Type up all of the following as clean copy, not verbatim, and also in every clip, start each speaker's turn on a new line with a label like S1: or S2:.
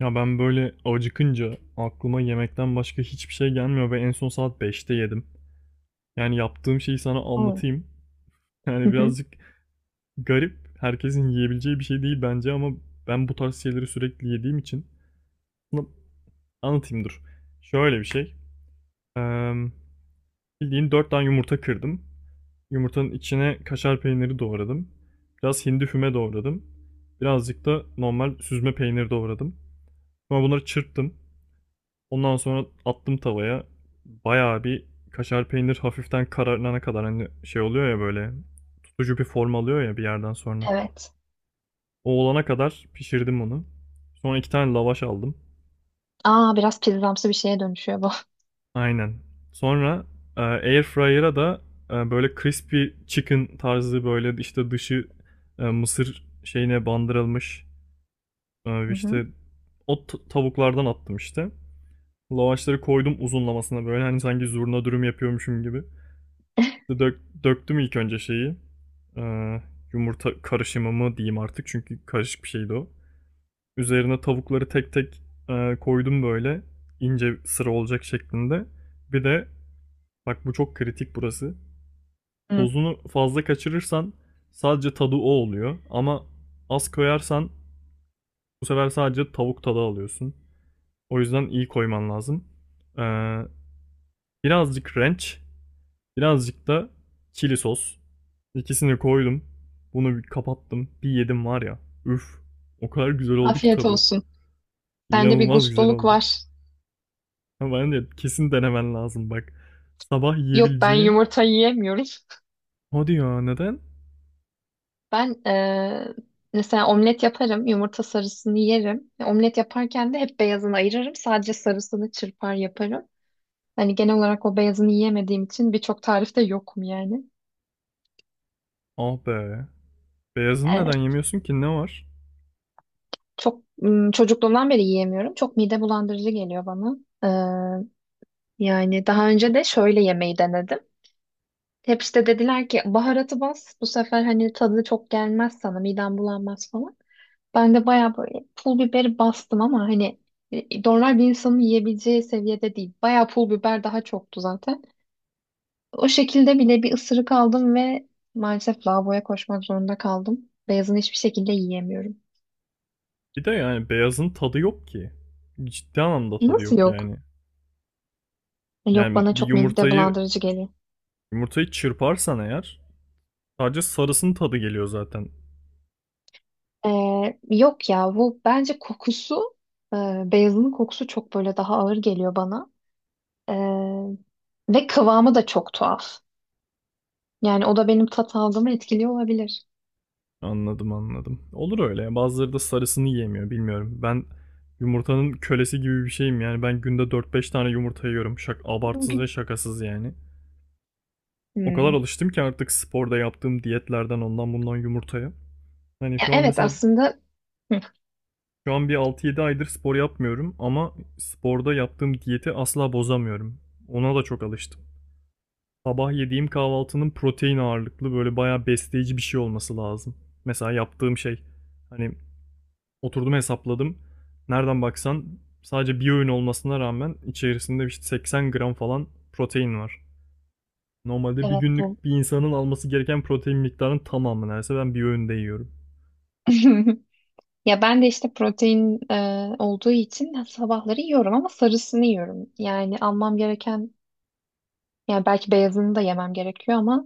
S1: Ya ben böyle acıkınca aklıma yemekten başka hiçbir şey gelmiyor ve en son saat beşte yedim. Yani yaptığım şeyi sana
S2: Hmm.
S1: anlatayım.
S2: Hı
S1: Yani
S2: hı.
S1: birazcık garip, herkesin yiyebileceği bir şey değil bence ama ben bu tarz şeyleri sürekli yediğim için bunu anlatayım dur. Şöyle bir şey. Eee Bildiğin 4 tane yumurta kırdım. Yumurtanın içine kaşar peyniri doğradım. Biraz hindi füme doğradım. Birazcık da normal süzme peynir doğradım. Sonra bunları çırptım. Ondan sonra attım tavaya. Bayağı bir kaşar peynir hafiften kararına kadar hani şey oluyor ya, böyle tutucu bir form alıyor ya bir yerden sonra.
S2: Evet.
S1: O olana kadar pişirdim onu. Sonra iki tane lavaş aldım.
S2: Aa, biraz pizzamsı bir şeye dönüşüyor bu.
S1: Aynen. Sonra air fryer'a da böyle crispy chicken tarzı, böyle işte dışı mısır şeyine bandırılmış, e,
S2: Hı hı.
S1: işte o tavuklardan attım işte. Lavaşları koydum uzunlamasına, böyle hani sanki zurna dürüm yapıyormuşum gibi. Döktüm ilk önce şeyi. Ee, Yumurta karışımı mı diyeyim artık, çünkü karışık bir şeydi o. Üzerine tavukları tek tek koydum böyle ince sıra olacak şeklinde. Bir de bak, bu çok kritik burası.
S2: Hı.
S1: Tozunu fazla kaçırırsan sadece tadı o oluyor, ama az koyarsan bu sefer sadece tavuk tadı alıyorsun. O yüzden iyi koyman lazım. Ee, birazcık ranch, birazcık da chili sos. İkisini koydum. Bunu bir kapattım. Bir yedim var ya. Üf. O kadar güzel oldu ki
S2: Afiyet
S1: tadı.
S2: olsun. Sende bir
S1: İnanılmaz güzel
S2: gustoluk
S1: oldu.
S2: var.
S1: Ama ben de kesin denemen lazım bak. Sabah
S2: Yok, ben
S1: yiyebileceğin.
S2: yumurta yiyemiyorum.
S1: Hadi ya, neden?
S2: Ben Mesela omlet yaparım. Yumurta sarısını yerim. Omlet yaparken de hep beyazını ayırırım. Sadece sarısını çırpar yaparım. Hani genel olarak o beyazını yiyemediğim için birçok tarifte yokum yani.
S1: Ah be. Beyazını neden
S2: Eee,
S1: yemiyorsun ki, ne var?
S2: çok çocukluğumdan beri yiyemiyorum. Çok mide bulandırıcı geliyor bana. Eee, Yani daha önce de şöyle yemeği denedim. Hep işte dediler ki baharatı bas bu sefer, hani tadı çok gelmez sana, miden bulanmaz falan. Ben de bayağı böyle pul biberi bastım ama hani normal bir insanın yiyebileceği seviyede değil. Bayağı pul biber daha çoktu zaten. O şekilde bile bir ısırık aldım ve maalesef lavaboya koşmak zorunda kaldım. Beyazını hiçbir şekilde yiyemiyorum.
S1: Bir de yani beyazın tadı yok ki. Ciddi anlamda tadı
S2: Nasıl
S1: yok
S2: yok?
S1: yani.
S2: Yok,
S1: Yani
S2: bana
S1: bir
S2: çok mide
S1: yumurtayı
S2: bulandırıcı geliyor.
S1: çırparsan eğer, sadece sarısının tadı geliyor zaten.
S2: Yok ya, bu bence kokusu e, beyazının kokusu çok böyle daha ağır geliyor bana. Ee, Ve kıvamı da çok tuhaf. Yani o da benim tat algımı etkiliyor olabilir.
S1: Anladım, anladım. Olur öyle ya. Bazıları da sarısını yiyemiyor, bilmiyorum. Ben yumurtanın kölesi gibi bir şeyim yani. Ben günde dört beş tane yumurta yiyorum. Şak abartsız ve
S2: Bugün.
S1: şakasız yani. O kadar
S2: Hmm.
S1: alıştım ki artık sporda yaptığım diyetlerden ondan bundan yumurtaya. Hani
S2: Ya
S1: şu an
S2: evet,
S1: mesela,
S2: aslında. Hı.
S1: şu an bir altı yedi aydır spor yapmıyorum ama sporda yaptığım diyeti asla bozamıyorum. Ona da çok alıştım. Sabah yediğim kahvaltının protein ağırlıklı, böyle bayağı besleyici bir şey olması lazım. Mesela yaptığım şey, hani oturdum hesapladım. Nereden baksan sadece bir öğün olmasına rağmen içerisinde işte 80 gram falan protein var. Normalde bir
S2: Evet, bu.
S1: günlük bir insanın alması gereken protein miktarının tamamı neredeyse ben bir öğünde yiyorum.
S2: Ya ben de işte protein olduğu için sabahları yiyorum ama sarısını yiyorum. Yani almam gereken, yani belki beyazını da yemem gerekiyor ama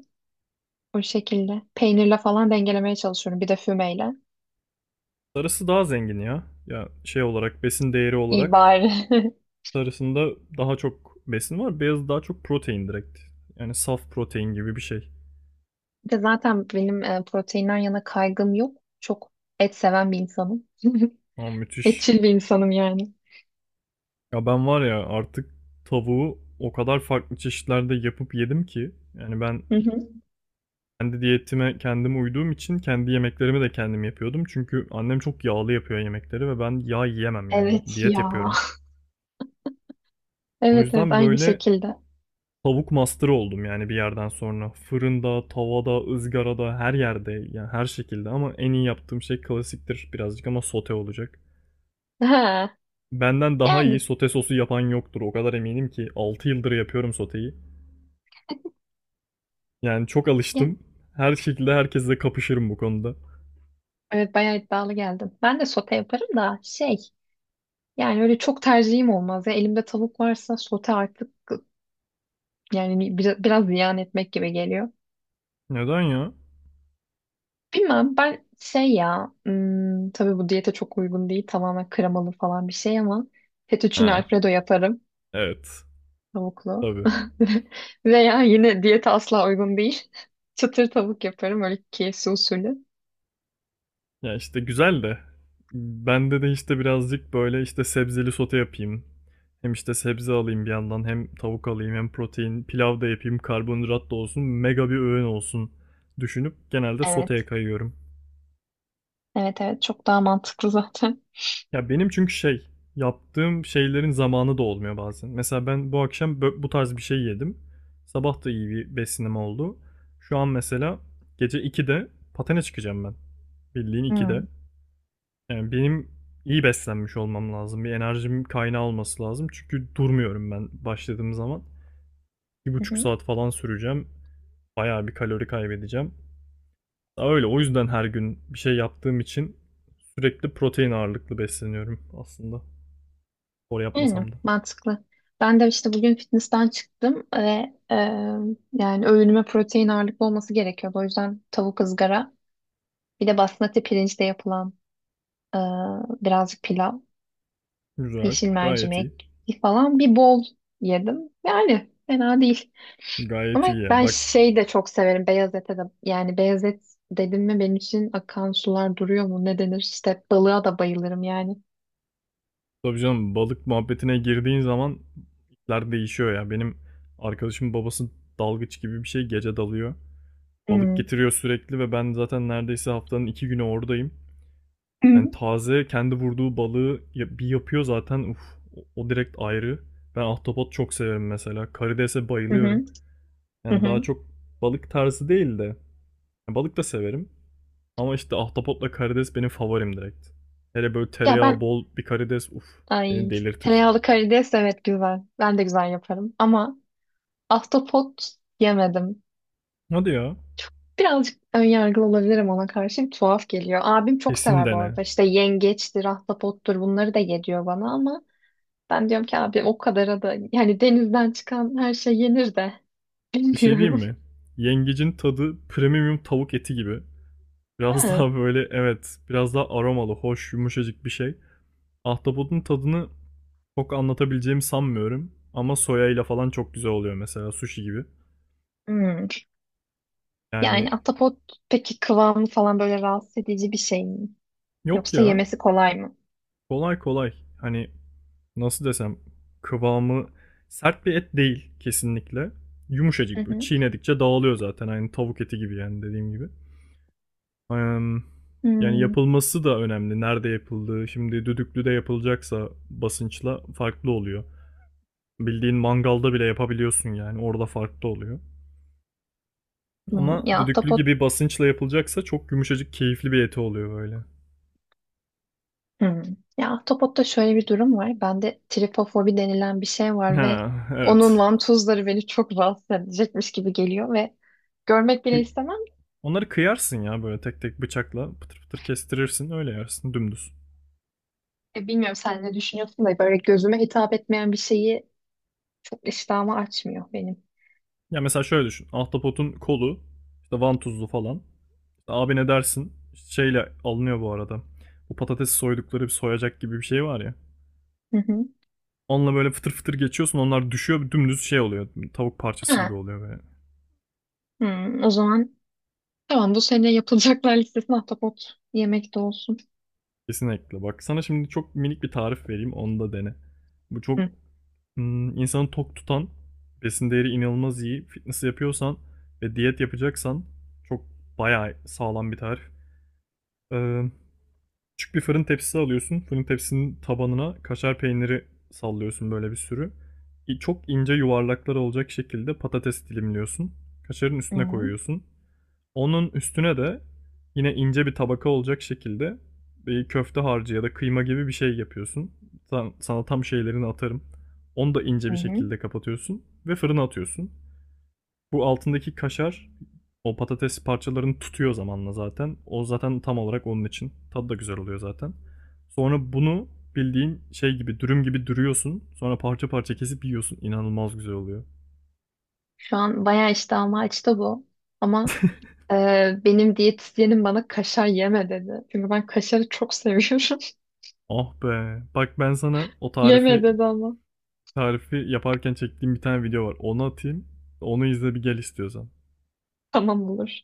S2: o şekilde peynirle falan dengelemeye çalışıyorum. Bir de fümeyle.
S1: Sarısı daha zengin ya. Ya şey olarak, besin değeri
S2: İyi
S1: olarak
S2: bari.
S1: sarısında daha çok besin var. Beyazı daha çok protein direkt. Yani saf protein gibi bir şey.
S2: Bir de zaten benim proteinden yana kaygım yok. Çok et seven bir insanım.
S1: Ama müthiş.
S2: Etçil bir insanım yani.
S1: Ya ben var ya, artık tavuğu o kadar farklı çeşitlerde yapıp yedim ki. Yani ben
S2: Hı hı.
S1: kendi diyetime, kendime uyduğum için kendi yemeklerimi de kendim yapıyordum. Çünkü annem çok yağlı yapıyor yemekleri ve ben yağ yiyemem yani.
S2: Evet
S1: Diyet
S2: ya.
S1: yapıyorum. O
S2: Evet, evet,
S1: yüzden
S2: aynı
S1: böyle
S2: şekilde.
S1: tavuk master'ı oldum yani bir yerden sonra. Fırında, tavada, ızgarada, her yerde, yani her şekilde, ama en iyi yaptığım şey klasiktir birazcık ama, sote olacak.
S2: Ha.
S1: Benden daha iyi
S2: Yani.
S1: sote sosu yapan yoktur. O kadar eminim ki, 6 yıldır yapıyorum soteyi. Yani çok
S2: Ya.
S1: alıştım. Her şekilde herkesle kapışırım bu konuda.
S2: Evet, bayağı iddialı geldim. Ben de sote yaparım da şey, yani öyle çok tercihim olmaz. Ya, elimde tavuk varsa sote artık yani biraz ziyan etmek gibi geliyor.
S1: Neden ya?
S2: Bilmem, ben şey ya, hmm, tabii bu diyete çok uygun değil, tamamen kremalı falan bir şey ama fettuccine
S1: Ha,
S2: alfredo yaparım.
S1: evet.
S2: Tavuklu.
S1: Tabii.
S2: Veya yine diyete asla uygun değil. Çıtır tavuk yaparım öyle KFC usulü.
S1: Ya işte güzel de, bende de işte birazcık böyle, işte sebzeli sote yapayım. Hem işte sebze alayım bir yandan, hem tavuk alayım, hem protein pilav da yapayım, karbonhidrat da olsun, mega bir öğün olsun düşünüp genelde soteye
S2: Evet.
S1: kayıyorum.
S2: Evet, evet, çok daha mantıklı zaten.
S1: Ya benim çünkü şey, yaptığım şeylerin zamanı da olmuyor bazen. Mesela ben bu akşam bu tarz bir şey yedim. Sabah da iyi bir besinim oldu. Şu an mesela gece 2'de patene çıkacağım ben. Bildiğin 2'de.
S2: Hmm.
S1: Yani benim iyi beslenmiş olmam lazım. Bir enerjim kaynağı olması lazım. Çünkü durmuyorum ben başladığım zaman. Bir
S2: Hı
S1: buçuk
S2: hı.
S1: saat falan süreceğim. Bayağı bir kalori kaybedeceğim. Daha öyle. O yüzden her gün bir şey yaptığım için sürekli protein ağırlıklı besleniyorum aslında. Spor
S2: Yani
S1: yapmasam da.
S2: mantıklı. Ben de işte bugün fitness'ten çıktım ve e, yani öğünüme protein ağırlıklı olması gerekiyordu. O yüzden tavuk ızgara, bir de basmati pirinçle yapılan e, birazcık pilav.
S1: Güzel.
S2: Yeşil
S1: Gayet iyi.
S2: mercimek falan bir bol yedim. Yani fena değil. Ama
S1: Gayet iyi ya.
S2: ben
S1: Bak,
S2: şey de çok severim, beyaz ete de. Yani beyaz et dedim mi benim için akan sular duruyor mu ne denir? İşte balığa da bayılırım yani.
S1: tabii canım, balık muhabbetine girdiğin zaman işler değişiyor ya. Benim arkadaşımın babası dalgıç gibi bir şey, gece dalıyor. Balık
S2: Hmm.
S1: getiriyor sürekli ve ben zaten neredeyse haftanın iki günü oradayım.
S2: Hı
S1: Yani taze kendi vurduğu balığı bir yapıyor zaten. Uf, o direkt ayrı. Ben ahtapot çok severim mesela. Karidese bayılıyorum.
S2: hı, hı
S1: Yani daha
S2: hı.
S1: çok balık tarzı değil de, yani balık da severim. Ama işte ahtapotla karides benim favorim direkt. Hele böyle
S2: Ya
S1: tereyağı
S2: ben,
S1: bol bir karides, uf, beni
S2: ay,
S1: delirtir.
S2: tereyağlı karides, evet, güzel. Ben de güzel yaparım ama ahtapot yemedim.
S1: Hadi ya.
S2: Birazcık önyargılı olabilirim ona karşı. Tuhaf geliyor. Abim çok
S1: Kesin
S2: sever bu
S1: dene.
S2: arada. İşte yengeçtir, ahtapottur, bunları da yediyor bana ama ben diyorum ki abi o kadar da, yani denizden çıkan her şey yenir de
S1: Bir şey diyeyim
S2: bilmiyorum.
S1: mi? Yengecin tadı premium tavuk eti gibi. Biraz
S2: Ha.
S1: daha böyle, evet, biraz daha aromalı, hoş, yumuşacık bir şey. Ahtapotun tadını çok anlatabileceğimi sanmıyorum. Ama soya ile falan çok güzel oluyor mesela, sushi gibi.
S2: Hmm.
S1: Yani
S2: Yani ahtapot, peki kıvamı falan böyle rahatsız edici bir şey mi?
S1: yok
S2: Yoksa
S1: ya,
S2: yemesi kolay mı?
S1: kolay kolay, hani nasıl desem, kıvamı sert bir et değil kesinlikle.
S2: Hı
S1: Yumuşacık, böyle
S2: hı.
S1: çiğnedikçe dağılıyor zaten, aynı tavuk eti gibi yani, dediğim gibi. Yani
S2: Hmm.
S1: yapılması da önemli. Nerede yapıldığı. Şimdi düdüklüde yapılacaksa basınçla farklı oluyor. Bildiğin mangalda bile yapabiliyorsun yani. Orada farklı oluyor.
S2: Hmm.
S1: Ama
S2: Ya
S1: düdüklü
S2: ahtapot.
S1: gibi basınçla yapılacaksa çok yumuşacık, keyifli bir eti oluyor böyle.
S2: Hmm. Ya ahtapotta şöyle bir durum var. Bende tripofobi denilen bir şey var ve
S1: Ha,
S2: onun
S1: evet.
S2: vantuzları beni çok rahatsız edecekmiş gibi geliyor ve görmek
S1: E,
S2: bile istemem.
S1: Onları kıyarsın ya böyle, tek tek bıçakla pıtır pıtır kestirirsin, öyle yersin dümdüz.
S2: Bilmiyorum, sen ne düşünüyorsun da böyle gözüme hitap etmeyen bir şeyi çok iştahımı açmıyor benim.
S1: Ya mesela şöyle düşün. Ahtapotun kolu işte vantuzlu falan. İşte abi ne dersin? Şeyle alınıyor bu arada. Bu patatesi soydukları bir soyacak gibi bir şey var ya.
S2: Hı hı.
S1: Onunla böyle fıtır fıtır geçiyorsun, onlar düşüyor dümdüz, şey oluyor. Tavuk parçası gibi
S2: Ha.
S1: oluyor böyle.
S2: Hmm, o zaman tamam, bu sene yapılacaklar listesine ahtapot yemek de olsun.
S1: Kesinlikle. Bak sana şimdi çok minik bir tarif vereyim. Onu da dene. Bu çok
S2: Hı.
S1: insanı tok tutan, besin değeri inanılmaz iyi. Fitness yapıyorsan ve diyet yapacaksan çok, bayağı sağlam bir tarif. Ee, küçük bir fırın tepsisi alıyorsun. Fırın tepsinin tabanına kaşar peyniri sallıyorsun böyle bir sürü. Çok ince yuvarlaklar olacak şekilde patates dilimliyorsun. Kaşarın
S2: Hı
S1: üstüne
S2: hı.
S1: koyuyorsun. Onun üstüne de yine ince bir tabaka olacak şekilde bir köfte harcı ya da kıyma gibi bir şey yapıyorsun. Sana tam şeylerini atarım. Onu da ince
S2: Hı
S1: bir
S2: hı.
S1: şekilde kapatıyorsun ve fırına atıyorsun. Bu altındaki kaşar o patates parçalarını tutuyor zamanla zaten. O zaten tam olarak onun için. Tadı da güzel oluyor zaten. Sonra bunu bildiğin şey gibi, dürüm gibi dürüyorsun. Sonra parça parça kesip yiyorsun. İnanılmaz güzel oluyor.
S2: Şu an bayağı iştahım açtı bu. Ama e, benim diyetisyenim bana kaşar yeme dedi. Çünkü ben kaşarı çok seviyorum.
S1: Ah be. Bak ben sana o
S2: Yeme
S1: tarifi,
S2: dedi ama.
S1: yaparken çektiğim bir tane video var. Onu atayım. Onu izle bir gel istiyorsan.
S2: Tamam, olur.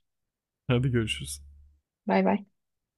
S1: Hadi görüşürüz.
S2: Bay bay.